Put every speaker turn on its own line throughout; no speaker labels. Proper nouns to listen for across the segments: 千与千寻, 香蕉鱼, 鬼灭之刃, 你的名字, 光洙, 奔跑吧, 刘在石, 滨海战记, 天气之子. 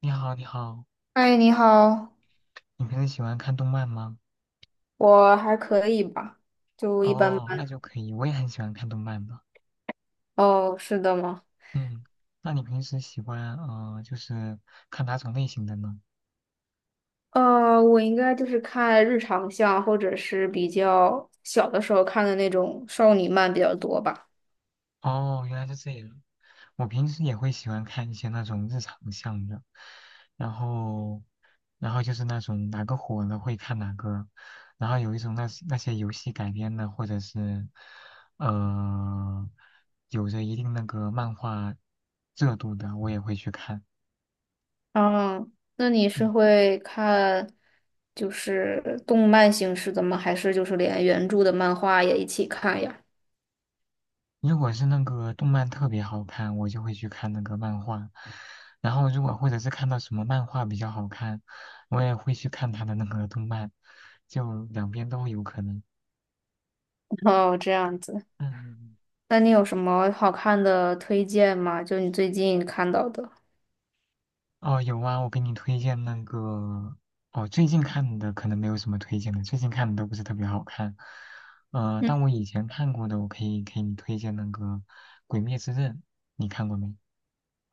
你好，你好，
嗨，你好。
你平时喜欢看动漫吗？
我还可以吧，就一般
哦，那
般。
就可以，我也很喜欢看动漫的。
哦，是的吗？
嗯。那你平时喜欢就是看哪种类型的呢？
我应该就是看日常向，或者是比较小的时候看的那种少女漫比较多吧。
哦，原来是这样。我平时也会喜欢看一些那种日常向的，然后，然后就是那种哪个火了会看哪个，然后有一种那些游戏改编的，或者是呃，有着一定那个漫画热度的，我也会去看。
嗯，那你是
嗯。
会看就是动漫形式的吗？还是就是连原著的漫画也一起看呀？
如果是那个动漫特别好看，我就会去看那个漫画。然后如果或者是看到什么漫画比较好看，我也会去看他的那个动漫，就两边都有可能。
哦，这样子。
嗯。
那你有什么好看的推荐吗？就你最近看到的。
哦，有啊，我给你推荐那个。哦，最近看的可能没有什么推荐的，最近看的都不是特别好看。
嗯。
但我以前看过的，我可以给你推荐那个《鬼灭之刃》，你看过没？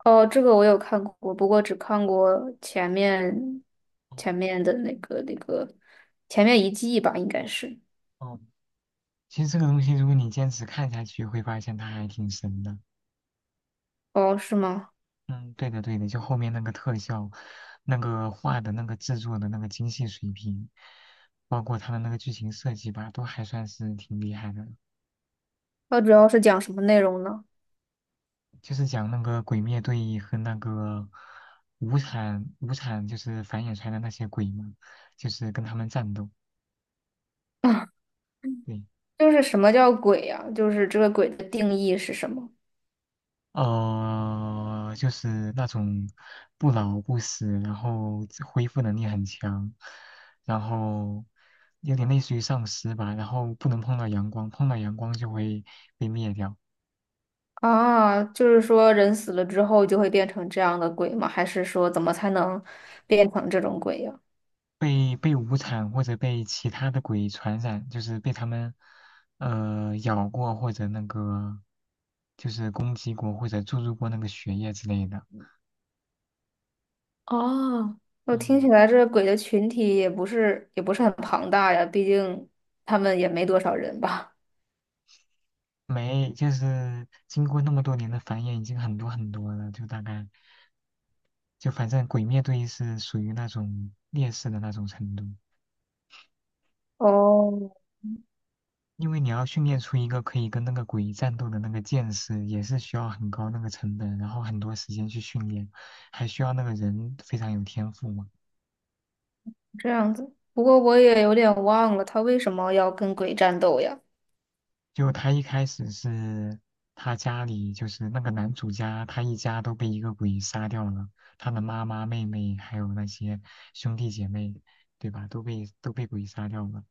哦，这个我有看过，不过只看过前面
哦。
前面的那个那个前面一季吧，应该是。
哦，其实这个东西，如果你坚持看下去，会发现它还挺神的。
哦，是吗？
嗯，对的对的，就后面那个特效，那个画的那个制作的那个精细水平，包括他的那个剧情设计吧，都还算是挺厉害的。
它主要是讲什么内容呢？
就是讲那个鬼灭队和那个无惨，就是繁衍出来的那些鬼嘛，就是跟他们战斗。对，
就是什么叫鬼呀、就是这个鬼的定义是什么
就是那种不老不死，然后自恢复能力很强，然后有点类似于丧尸吧，然后不能碰到阳光，碰到阳光就会被灭掉，
啊？就是说人死了之后就会变成这样的鬼吗？还是说怎么才能变成这种鬼呀、
被无惨或者被其他的鬼传染，就是被他们咬过或者那个就是攻击过或者注入过那个血液之类的。
哦，我听起
嗯，
来这个鬼的群体也不是很庞大呀，毕竟他们也没多少人吧。
没，就是经过那么多年的繁衍，已经很多很多了，就大概。就反正鬼灭队是属于那种劣势的那种程度，
哦，
因为你要训练出一个可以跟那个鬼战斗的那个剑士，也是需要很高那个成本，然后很多时间去训练，还需要那个人非常有天赋嘛。
这样子。不过我也有点忘了，他为什么要跟鬼战斗呀？
就他一开始是他家里就是那个男主家，他一家都被一个鬼杀掉了，他的妈妈、妹妹还有那些兄弟姐妹，对吧？都被都被鬼杀掉了。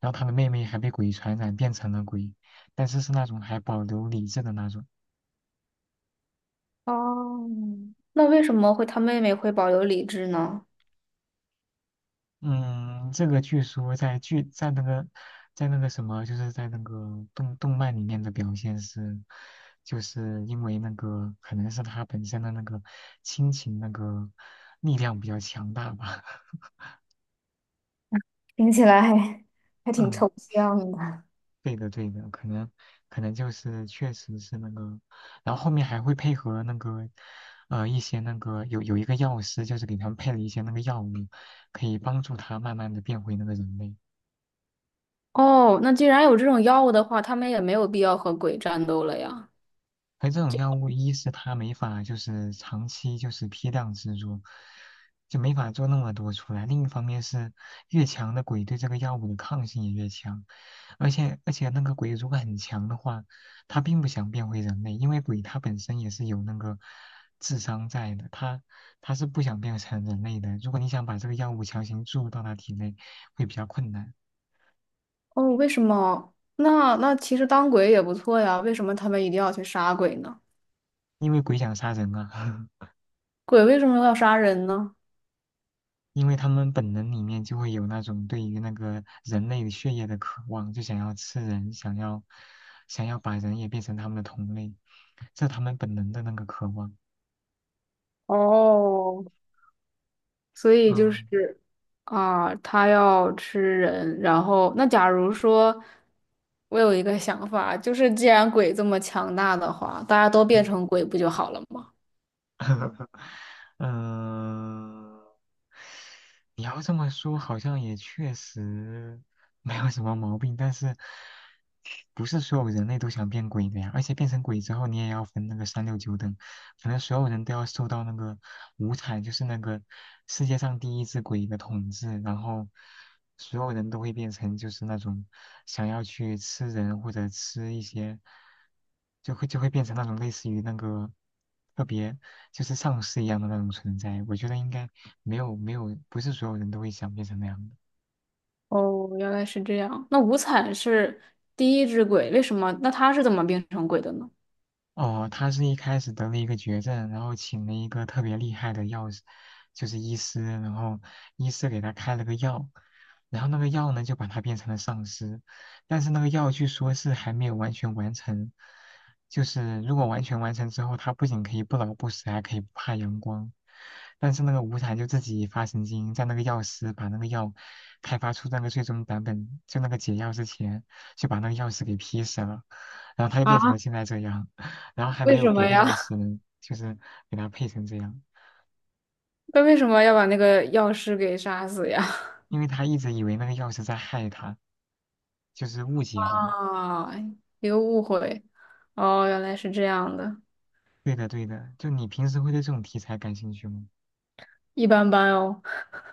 然后他的妹妹还被鬼传染变成了鬼，但是是那种还保留理智的那种。
哦，那为什么会他妹妹会保有理智呢？
嗯，这个据说在剧在那个在那个什么，就是在那个动漫里面的表现是，就是因为那个可能是他本身的那个亲情那个力量比较强大吧，
听起来还挺
嗯。
抽象的。
对的，对的，可能就是确实是那个，然后后面还会配合那个，一些那个有一个药师，就是给他们配了一些那个药物，可以帮助他慢慢的变回那个人类。
哦，那既然有这种药物的话，他们也没有必要和鬼战斗了呀。
而这种药物，一是它没法就是长期就是批量制作，就没法做那么多出来。另一方面是，越强的鬼对这个药物的抗性也越强，而且那个鬼如果很强的话，他并不想变回人类，因为鬼它本身也是有那个智商在的，他是不想变成人类的。如果你想把这个药物强行注入到他体内，会比较困难，
哦，为什么？那其实当鬼也不错呀，为什么他们一定要去杀鬼呢？
因为鬼想杀人啊。
鬼为什么要杀人呢？
因为他们本能里面就会有那种对于那个人类的血液的渴望，就想要吃人，想要把人也变成他们的同类，这他们本能的那个渴望。
哦，所以就
嗯。
是啊，他要吃人。然后，那假如说，我有一个想法，就是既然鬼这么强大的话，大家都变成鬼不就好了吗？
嗯，你要这么说，好像也确实没有什么毛病，但是不是所有人类都想变鬼的呀？而且变成鬼之后，你也要分那个三六九等，可能所有人都要受到那个五彩，就是那个世界上第一只鬼的统治，然后所有人都会变成就是那种想要去吃人或者吃一些，就会变成那种类似于那个特别就是丧尸一样的那种存在。我觉得应该没有没有，不是所有人都会想变成那样的。
哦，原来是这样。那无惨是第一只鬼，为什么？那他是怎么变成鬼的呢？
哦，他是一开始得了一个绝症，然后请了一个特别厉害的药师，就是医师，然后医师给他开了个药，然后那个药呢就把他变成了丧尸，但是那个药据说是还没有完全完成，就是如果完全完成之后，他不仅可以不老不死，还可以不怕阳光，但是那个无惨就自己发神经，在那个药师把那个药开发出那个最终版本，就那个解药之前，就把那个药师给劈死了，然后他就变成了
啊，
现在这样。然后还没
为
有
什么
别的
呀？
钥匙 能，就是给他配成这样，
他为什么要把那个药师给杀死呀？
因为他一直以为那个钥匙在害他，就是误
啊，
解吧。
一个误会。哦，原来是这样的，
对的，对的，就你平时会对这种题材感兴趣吗？
一般般哦。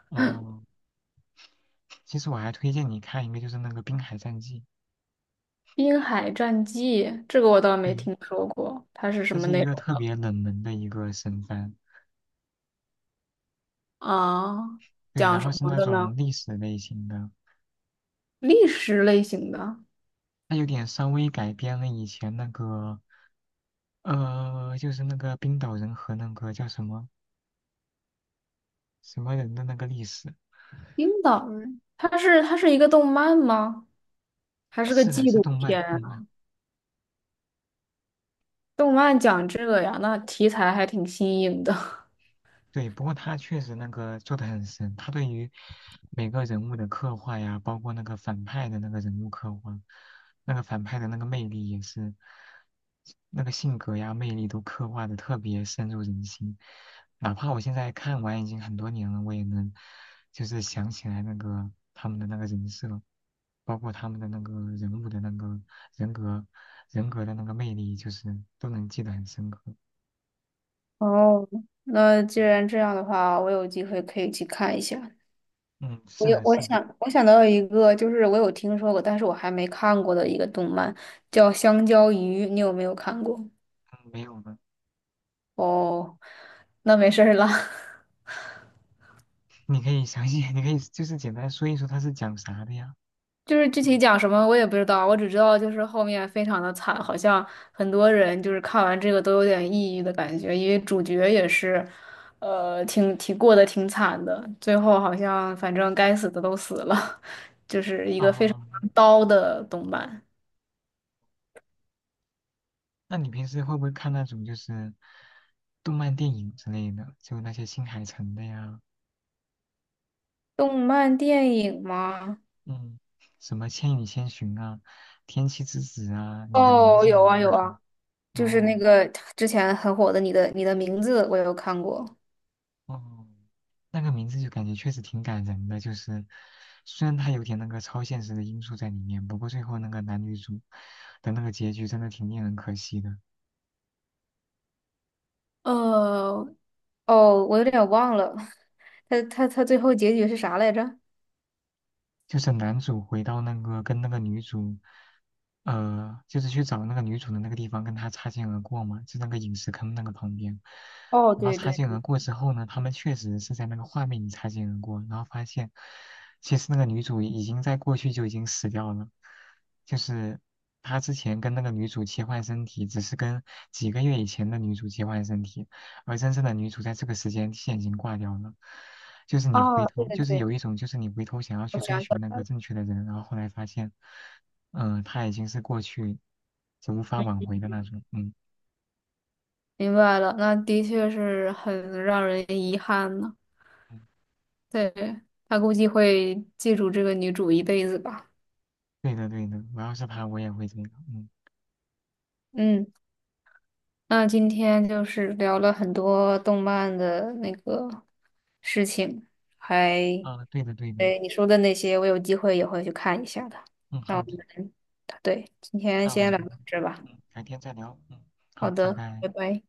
哦，其实我还推荐你看一个，就是那个《滨海战记》，
《滨海战记》这个我倒没
对，
听说过，它是什
这
么
是一
内
个
容
特
的
别冷门的一个神番，
啊？
对，
讲
然后
什
是
么
那
的呢？
种历史类型的，
历史类型的
它有点稍微改编了以前那个，就是那个冰岛人和那个叫什么什么人的那个历史，
冰岛人，它是一个动漫吗？还是个
是的，
纪
是
录
动漫，
片
动漫。
啊？动漫讲这个呀，那题材还挺新颖的。
对，不过他确实那个做的很深，他对于每个人物的刻画呀，包括那个反派的那个人物刻画，那个反派的那个魅力也是，那个性格呀、魅力都刻画的特别深入人心。哪怕我现在看完已经很多年了，我也能就是想起来那个他们的那个人设，包括他们的那个人物的那个人格、人格的那个魅力，就是都能记得很深刻。
哦，那既然这样的话，我有机会可以去看一下。
嗯，
我
是
有，
的，是的。
我想到一个，就是我有听说过，但是我还没看过的一个动漫，叫《香蕉鱼》，你有没有看过？
嗯，没有了。
哦，那没事儿了。
你可以详细，你可以就是简单说一说它是讲啥的呀？
就是具体讲什么我也不知道，我只知道就是后面非常的惨，好像很多人就是看完这个都有点抑郁的感觉，因为主角也是，挺过得挺惨的，最后好像反正该死的都死了，就是一个非常
哦，
刀的动漫。
那你平时会不会看那种就是动漫电影之类的，就那些新海诚的呀，
动漫电影吗？
嗯，什么《千与千寻》啊，《天气之子》啊，《你的名
哦，
字》
有
啊
啊
那
有
种？
啊，就是那
哦。
个之前很火的你的名字》，我有看过。
哦，那个名字就感觉确实挺感人的，就是虽然它有点那个超现实的因素在里面，不过最后那个男女主的那个结局真的挺令人可惜的。
呃，哦，我有点忘了。他最后结局是啥来着？
就是男主回到那个跟那个女主，就是去找那个女主的那个地方，跟她擦肩而过嘛，就那个陨石坑那个旁边。
哦，
然后
对
擦
对
肩而
对，
过之后呢，他们确实是在那个画面里擦肩而过，然后发现其实那个女主已经在过去就已经死掉了，就是他之前跟那个女主切换身体，只是跟几个月以前的女主切换身体，而真正的女主在这个时间线已经挂掉了。就是你回
哦，对
头，
对
就是
对，
有一种，就是你回头想要
我
去追
想起
寻那
来
个
了，
正确的人，然后后来发现，嗯，他已经是过去，就无法挽回的那种。嗯。
明白了，那的确是很让人遗憾呢。
嗯，
对，他估计会记住这个女主一辈子吧。
对的对的，我要是他，我也会这样。嗯。
嗯，那今天就是聊了很多动漫的那个事情，还，
啊，对的对的。
对，你说的那些，我有机会也会去看一下的。
嗯，
那
好
我
的，
们，对，今天
那我
先聊
们
到这吧。
嗯改天再聊。嗯，
好
好，拜
的，
拜。
拜拜。